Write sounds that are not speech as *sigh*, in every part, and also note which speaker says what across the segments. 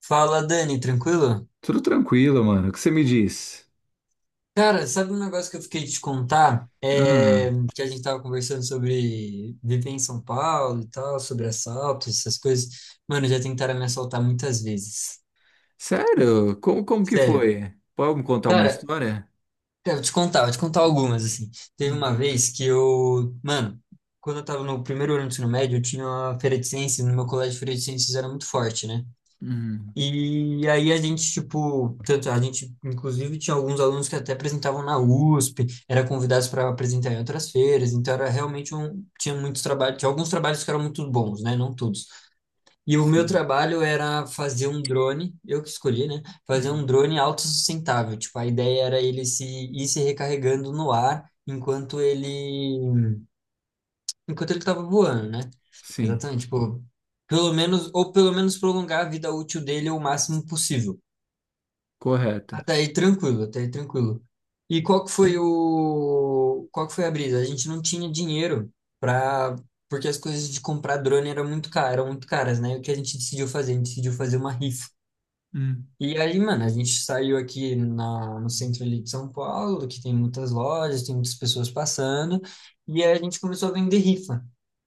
Speaker 1: Fala, Dani, tranquilo?
Speaker 2: Tudo tranquilo, mano. O que você me diz?
Speaker 1: Cara, sabe um negócio que eu fiquei de te contar?
Speaker 2: Ah,
Speaker 1: É, que a gente tava conversando sobre viver em São Paulo e tal, sobre assaltos, essas coisas. Mano, já tentaram me assaltar muitas vezes.
Speaker 2: sério? Como que
Speaker 1: Sério.
Speaker 2: foi? Pode me contar uma
Speaker 1: Cara,
Speaker 2: história?
Speaker 1: eu vou te contar algumas, assim. Teve
Speaker 2: Hum,
Speaker 1: uma vez que eu... Mano, quando eu tava no primeiro ano do ensino médio, eu tinha uma feira de ciências, no meu colégio de feira de ciências era muito forte, né?
Speaker 2: hum,
Speaker 1: E aí a gente, tipo, tanto a gente, inclusive, tinha alguns alunos que até apresentavam na USP, era convidados para apresentar em outras feiras, então era realmente um, tinha muitos trabalhos, tinha alguns trabalhos que eram muito bons, né? Não todos. E o meu
Speaker 2: sim.
Speaker 1: trabalho era fazer um drone, eu que escolhi, né? Fazer um
Speaker 2: Hum,
Speaker 1: drone autossustentável, tipo, a ideia era ele se ir se recarregando no ar enquanto ele estava voando, né?
Speaker 2: sim.
Speaker 1: Exatamente, tipo, pelo menos ou pelo menos prolongar a vida útil dele o máximo possível.
Speaker 2: Correta.
Speaker 1: Até aí tranquilo, até aí tranquilo. E qual que foi o, qual que foi a brisa? A gente não tinha dinheiro para, porque as coisas de comprar drone eram muito caras, né? E o que a gente decidiu fazer? A gente decidiu fazer uma rifa.
Speaker 2: Hum,
Speaker 1: E aí, mano, a gente saiu aqui na, no centro ali de São Paulo, que tem muitas lojas, tem muitas pessoas passando, e aí a gente começou a vender rifa.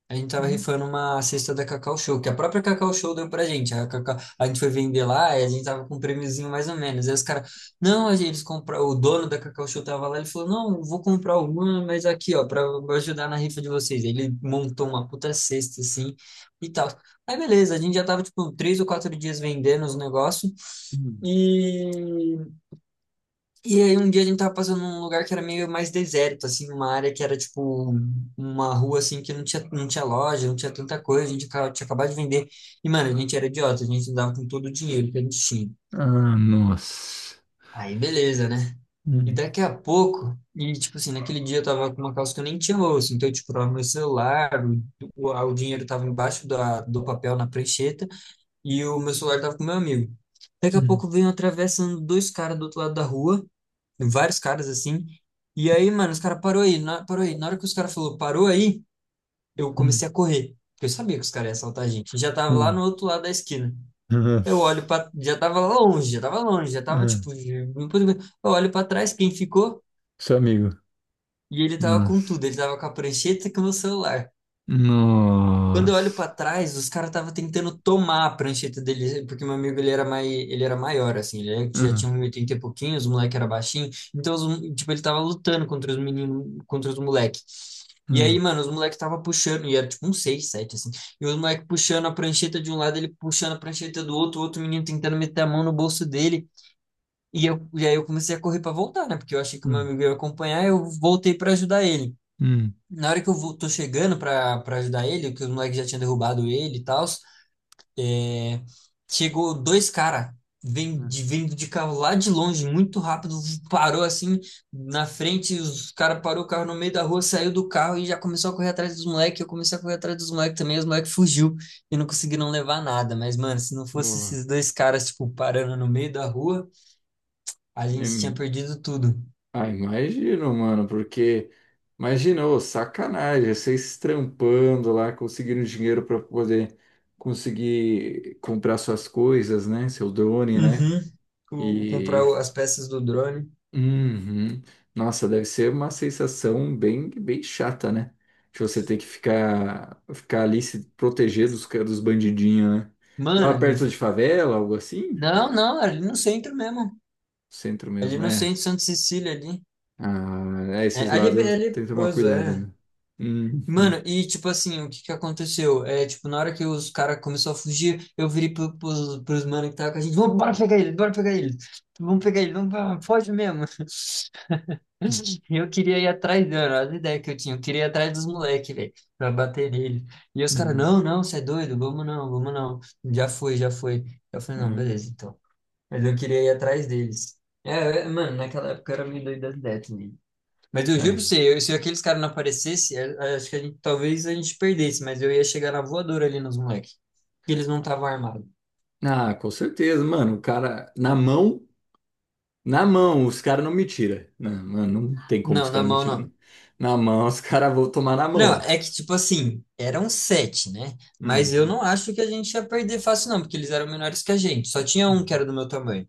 Speaker 1: A gente tava
Speaker 2: hum,
Speaker 1: rifando uma cesta da Cacau Show, que a própria Cacau Show deu pra gente. A, Cacau- a gente foi vender lá e a gente tava com um prêmiozinho mais ou menos. Aí os caras, não, a gente, eles compra- o dono da Cacau Show tava lá, ele falou, não, eu vou comprar uma, mas aqui, ó, pra ajudar na rifa de vocês. Aí Ele montou uma puta cesta, assim, e tal. Aí beleza, a gente já tava, tipo, três ou quatro dias vendendo os negócios.
Speaker 2: hum.
Speaker 1: E e aí um dia a gente tava passando num lugar que era meio mais deserto, assim, uma área que era tipo uma rua assim que não tinha, não tinha loja, não tinha tanta coisa, a gente acaba- tinha acabado de vender. E, mano, a gente era idiota, a gente andava com todo o dinheiro que a gente tinha.
Speaker 2: Ah, nossa.
Speaker 1: Aí beleza, né? E
Speaker 2: Hum,
Speaker 1: daqui a pouco, e tipo assim, naquele dia eu tava com uma calça que eu nem tinha bolso, então eu, tipo, tava meu celular, o, o dinheiro tava embaixo da, do papel na prancheta, e o meu celular tava com meu amigo. Daqui a
Speaker 2: hum,
Speaker 1: pouco vem atravessando dois caras do outro lado da rua vários caras assim. E aí, mano, os caras parou aí. Na hora que os caras falou parou aí, eu
Speaker 2: hum,
Speaker 1: comecei a correr. Porque eu sabia que os caras iam assaltar a gente. Já tava lá
Speaker 2: hum.
Speaker 1: no outro lado da esquina. Eu olho
Speaker 2: Nossa.
Speaker 1: pra. Já tava longe, já tava longe, já tava
Speaker 2: Ah,
Speaker 1: tipo. Já- Eu olho pra trás, quem ficou?
Speaker 2: seu amigo.
Speaker 1: E ele tava com
Speaker 2: Nossa.
Speaker 1: tudo. Ele tava com a prancheta e com o meu celular. Quando eu olho
Speaker 2: Nossa.
Speaker 1: pra trás, os caras estavam tentando tomar a prancheta dele, porque meu amigo ele era mai, ele era maior, assim, ele já
Speaker 2: Ah,
Speaker 1: tinha um metro e oitenta e pouquinho, os moleque era baixinho, então, os- tipo, ele tava lutando contra os meninos, contra os moleques. E aí,
Speaker 2: ah,
Speaker 1: mano, os moleques tava puxando, e era tipo um 6, 7 assim, e os moleques puxando a prancheta de um lado, ele puxando a prancheta do outro, o outro menino tentando meter a mão no bolso dele, e, eu, e aí eu comecei a correr pra voltar, né, porque eu achei que o meu
Speaker 2: ah,
Speaker 1: amigo ia acompanhar, eu voltei pra ajudar ele.
Speaker 2: hum.
Speaker 1: Na hora que eu vou, tô chegando pra, pra ajudar ele, que os moleques já tinham derrubado ele e tal, é, chegou dois caras
Speaker 2: Ah,
Speaker 1: vindo de carro lá de longe, muito rápido, parou assim na frente, os caras parou o carro no meio da rua, saiu do carro e já começou a correr atrás dos moleques. Eu comecei a correr atrás dos moleques também, os moleques fugiu e não conseguiram levar nada. Mas, mano, se não fosse
Speaker 2: boa.
Speaker 1: esses dois caras, tipo, parando no meio da rua, a gente tinha
Speaker 2: Hum.
Speaker 1: perdido tudo.
Speaker 2: Ah, imagino, mano, porque imagina, ô, sacanagem, vocês trampando lá, conseguindo dinheiro para poder conseguir comprar suas coisas, né? Seu drone, né?
Speaker 1: Uhum. O- comprar
Speaker 2: E
Speaker 1: o- as peças do drone.
Speaker 2: uhum. Nossa, deve ser uma sensação bem, bem chata, né? De você ter que ficar ali se proteger dos dos bandidinhos, né? Tava
Speaker 1: Mano,
Speaker 2: perto de favela, algo assim?
Speaker 1: não, não, ali no centro mesmo.
Speaker 2: Centro
Speaker 1: Ali
Speaker 2: mesmo,
Speaker 1: no
Speaker 2: é.
Speaker 1: centro, Santa Cecília, ali.
Speaker 2: Ah, é,
Speaker 1: É,
Speaker 2: esses
Speaker 1: ali, é bem-
Speaker 2: lados
Speaker 1: ali é
Speaker 2: tem que tomar
Speaker 1: perigoso,
Speaker 2: cuidado,
Speaker 1: é.
Speaker 2: né? Uhum.
Speaker 1: Mano, e tipo assim, o que que aconteceu? É, tipo, na hora que os caras começaram a fugir, eu virei pro, pros, pros mano que tava com a gente, vamos, bora pegar ele, bora pegar ele. Vamos pegar ele, vamos, vamos, foge mesmo. *laughs* E eu queria ir atrás dele, olha a ideia que eu tinha. Eu queria ir atrás dos moleques, velho, pra bater nele. E os caras,
Speaker 2: Uhum.
Speaker 1: não, não, você é doido, vamos não, vamos não. Já foi, já foi. Eu falei, não,
Speaker 2: Uhum.
Speaker 1: beleza, então. Mas eu queria ir atrás deles. É, é, mano, naquela época eu era meio doido das ideias também. Mas eu juro pra
Speaker 2: É.
Speaker 1: você, eu- se aqueles caras não aparecessem, acho que a gente, talvez a gente perdesse, mas eu ia chegar na voadora ali nos moleques. Que eles não estavam armados.
Speaker 2: Ah, com certeza, mano. O cara, na mão, os caras não me tiram. Não, mano, não tem como
Speaker 1: Não,
Speaker 2: os
Speaker 1: na
Speaker 2: caras me
Speaker 1: mão
Speaker 2: tirar.
Speaker 1: não.
Speaker 2: Na mão, os caras vão tomar na mão,
Speaker 1: Não,
Speaker 2: mano.
Speaker 1: é que tipo assim, eram sete, né? Mas eu
Speaker 2: Uhum.
Speaker 1: não acho que a gente ia perder fácil, não, porque eles eram menores que a gente. Só tinha um que
Speaker 2: Uhum.
Speaker 1: era do meu tamanho.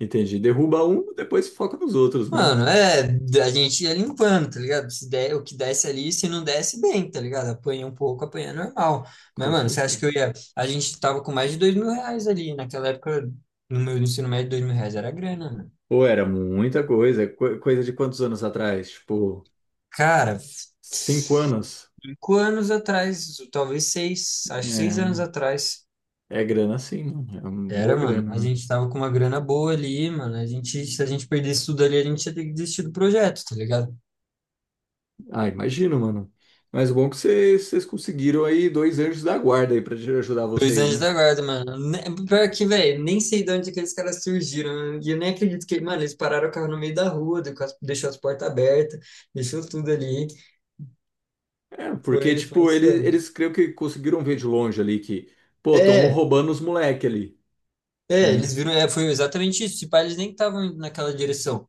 Speaker 2: Entendi. Derruba um, depois foca nos outros, né?
Speaker 1: Mano, é, a gente ia limpando, tá ligado? Se der, o que desce ali, se não desce, bem, tá ligado? Apanha um pouco, apanha normal. Mas,
Speaker 2: Com
Speaker 1: mano, você acha que eu
Speaker 2: certeza.
Speaker 1: ia. A gente tava com mais de dois mil reais ali. Naquela época, no meu ensino médio, dois mil reais era grana, mano.
Speaker 2: Pô, era muita coisa. Coisa de quantos anos atrás? Tipo,
Speaker 1: Cara,
Speaker 2: 5 anos.
Speaker 1: cinco anos atrás, talvez seis, acho que seis anos atrás.
Speaker 2: É, é grana sim, mano. É uma
Speaker 1: Era,
Speaker 2: boa
Speaker 1: mano. A
Speaker 2: grana, né?
Speaker 1: gente tava com uma grana boa ali, mano. A gente, se a gente perdesse tudo ali, a gente ia ter que desistir do projeto, tá ligado?
Speaker 2: Ah, imagino, mano. Mas bom é que vocês conseguiram aí dois anjos da guarda aí pra te ajudar
Speaker 1: Dois
Speaker 2: vocês,
Speaker 1: anjos
Speaker 2: né?
Speaker 1: da guarda, mano. Ne- Pior que, velho, nem sei de onde aqueles caras surgiram. E eu nem acredito que, mano, eles pararam o carro no meio da rua, deu- com as- deixou as portas abertas, deixou tudo ali.
Speaker 2: É, porque,
Speaker 1: Foi, foi
Speaker 2: tipo, eles,
Speaker 1: insano.
Speaker 2: eles creio que conseguiram ver de longe ali que, pô, estão
Speaker 1: É,
Speaker 2: roubando os moleque ali,
Speaker 1: é, eles
Speaker 2: né?
Speaker 1: viram, é, foi exatamente isso. Tipo, eles nem estavam indo naquela direção.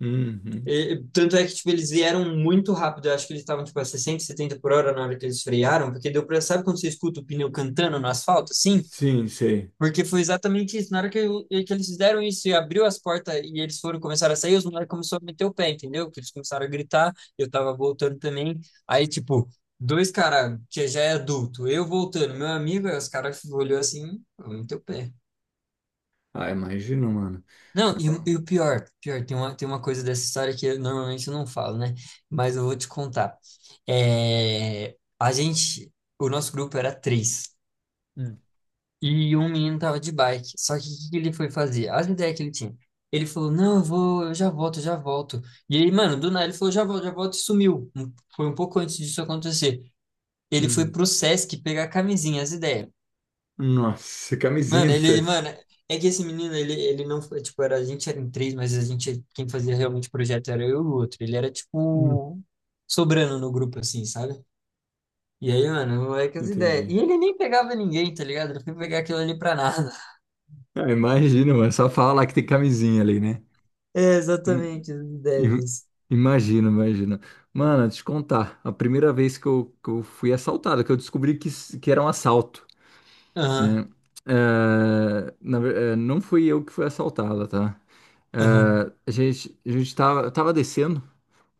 Speaker 2: Uhum.
Speaker 1: E- tanto é que, tipo, eles vieram muito rápido. Eu acho que eles estavam, tipo, a 60, 70 por hora na hora que eles frearam, porque deu pra, sabe quando você escuta o pneu cantando no asfalto, assim?
Speaker 2: Sim, sei.
Speaker 1: Porque foi exatamente isso. Na hora que, eu- que eles fizeram isso e abriu as portas e eles foram começar a sair, os moleques começaram a meter o pé, entendeu? Que eles começaram a gritar, eu tava voltando também. Aí, tipo, dois caras que já é adulto, eu voltando, meu amigo, aí os caras olhou assim, eu meti o pé.
Speaker 2: Ah, imagino, mano.
Speaker 1: Não, e o pior, pior, tem uma coisa dessa história que eu, normalmente eu não falo, né? Mas eu vou te contar. É, a gente, o nosso grupo era três.
Speaker 2: Hum.
Speaker 1: E um menino tava de bike. Só que o que que ele foi fazer? As ideias que ele tinha. Ele falou, não, eu vou, eu já volto, eu já volto. E aí, mano, do nada ele falou, já volto e sumiu. Um- Foi um pouco antes disso acontecer. Ele foi
Speaker 2: Hum.
Speaker 1: pro Sesc pegar a camisinha, as ideias.
Speaker 2: Nossa, camisinha
Speaker 1: Mano,
Speaker 2: no
Speaker 1: ele-
Speaker 2: Sesc.
Speaker 1: mano, é que esse menino, ele não foi, tipo, era, a gente era em três, mas a gente, quem fazia realmente o projeto era eu e o outro. Ele era,
Speaker 2: Hum.
Speaker 1: tipo, sobrando no grupo, assim, sabe? E aí, mano, é que as ideias.
Speaker 2: Entendi.
Speaker 1: E ele nem pegava ninguém, tá ligado? Ele foi pegar aquilo ali pra nada.
Speaker 2: Ah, imagino, mano. Só fala lá que tem camisinha ali, né?
Speaker 1: É
Speaker 2: Hum.
Speaker 1: exatamente a ideia
Speaker 2: Im-
Speaker 1: disso.
Speaker 2: Imagino, imagino. Mano, te contar, a primeira vez que eu fui assaltado, que eu descobri que era um assalto,
Speaker 1: Aham,
Speaker 2: né? Não fui eu que fui assaltado, tá?
Speaker 1: aham,
Speaker 2: Eu tava descendo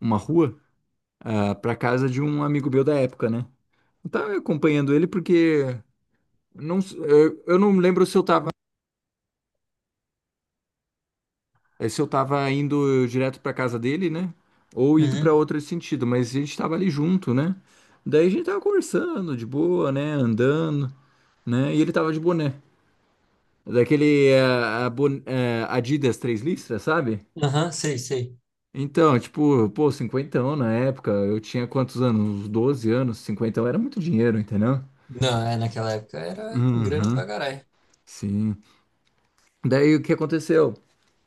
Speaker 2: uma rua, ah, pra casa de um amigo meu da época, né? Eu tava acompanhando ele porque não, eu não lembro se eu tava indo direto pra casa dele, né? Ou indo pra
Speaker 1: uhum,
Speaker 2: outro sentido, mas a gente tava ali junto, né? Daí a gente tava conversando de boa, né? Andando, né? E ele tava de boné. Daquele Adidas três listras, sabe?
Speaker 1: aham, sei, sei.
Speaker 2: Então, tipo, pô, cinquentão na época, eu tinha quantos anos? Uns 12 anos, cinquentão era muito dinheiro, entendeu?
Speaker 1: Não, é, naquela época era grana
Speaker 2: Uhum,
Speaker 1: pra caralho.
Speaker 2: sim. Daí o que aconteceu?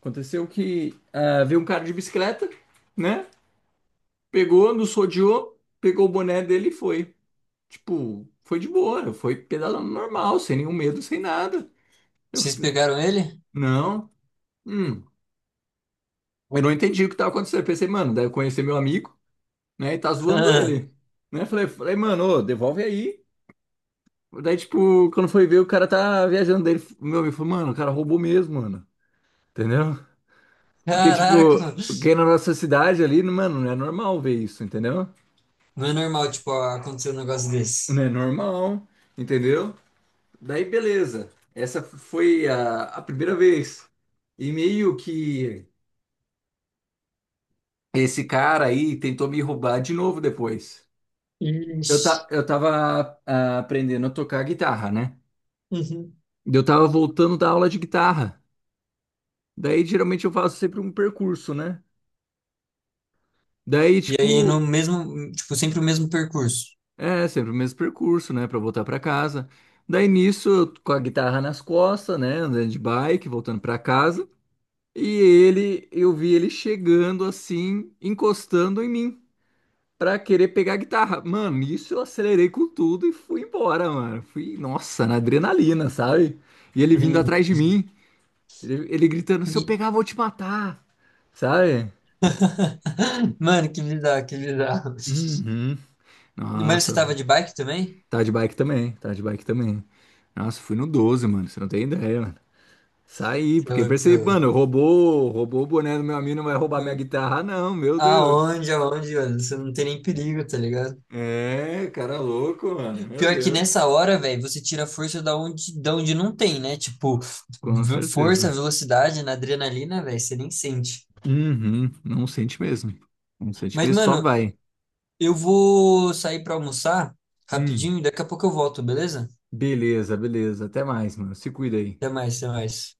Speaker 2: Aconteceu que ah, veio um cara de bicicleta, né? Pegou, nos rodeou, pegou o boné dele e foi. Tipo, foi de boa, foi pedalando normal, sem nenhum medo, sem nada. Eu
Speaker 1: Vocês
Speaker 2: falei,
Speaker 1: pegaram ele?
Speaker 2: não, hum. Eu não entendi o que tava acontecendo. Eu pensei, mano, deve conhecer meu amigo, né? E tá
Speaker 1: *laughs*
Speaker 2: zoando
Speaker 1: Ah,
Speaker 2: ele, né? Falei, mano, ô, devolve aí. Daí, tipo, quando foi ver, o cara tá viajando dele. Meu amigo falou, mano, o cara roubou mesmo, mano. Entendeu? Porque,
Speaker 1: caraca,
Speaker 2: tipo,
Speaker 1: mano.
Speaker 2: quem é na nossa cidade ali, mano, não é normal ver isso, entendeu?
Speaker 1: Não é normal, tipo, acontecer um negócio
Speaker 2: Não
Speaker 1: desse.
Speaker 2: é normal, entendeu? Daí, beleza. Essa foi a primeira vez. E meio que esse cara aí tentou me roubar de novo depois. Eu,
Speaker 1: Ixi.
Speaker 2: ta, eu tava ah, aprendendo a tocar guitarra, né?
Speaker 1: Uhum.
Speaker 2: Eu tava voltando da aula de guitarra. Daí, geralmente, eu faço sempre um percurso, né? Daí,
Speaker 1: E aí,
Speaker 2: tipo,
Speaker 1: no mesmo, tipo, sempre o mesmo percurso.
Speaker 2: é sempre o mesmo percurso, né? Pra voltar pra casa. Daí, nisso, eu com a guitarra nas costas, né? Andando de bike, voltando pra casa. Eu vi ele chegando assim, encostando em mim, pra querer pegar a guitarra. Mano, isso eu acelerei com tudo e fui embora, mano. Fui, nossa, na adrenalina, sabe? E ele vindo
Speaker 1: Uhum.
Speaker 2: atrás de mim, ele gritando: se eu
Speaker 1: E-
Speaker 2: pegar, eu vou te matar, sabe?
Speaker 1: *laughs* mano, que bizarro, que bizarro.
Speaker 2: Uhum.
Speaker 1: Mas você
Speaker 2: Nossa,
Speaker 1: tava de bike também?
Speaker 2: tá de bike também, tá de bike também. Nossa, fui no 12, mano, você não tem ideia, mano. Saí,
Speaker 1: Seu
Speaker 2: porque
Speaker 1: louco, seu
Speaker 2: percebi, mano,
Speaker 1: louco.
Speaker 2: roubou o boné do meu amigo, não vai roubar minha guitarra, não, meu Deus.
Speaker 1: Aonde, aonde, mano? Você não tem nem perigo, tá ligado?
Speaker 2: É, cara louco, mano, meu
Speaker 1: Pior que
Speaker 2: Deus.
Speaker 1: nessa hora, velho, você tira a força da onde não tem, né? Tipo,
Speaker 2: Com
Speaker 1: v- força,
Speaker 2: certeza.
Speaker 1: velocidade na adrenalina, velho, você nem sente.
Speaker 2: Uhum, não sente mesmo. Não sente
Speaker 1: Mas,
Speaker 2: mesmo, só
Speaker 1: mano,
Speaker 2: vai.
Speaker 1: eu vou sair pra almoçar
Speaker 2: Hum,
Speaker 1: rapidinho e daqui a pouco eu volto, beleza?
Speaker 2: beleza, beleza. Até mais, mano. Se cuida aí.
Speaker 1: Até mais, até mais.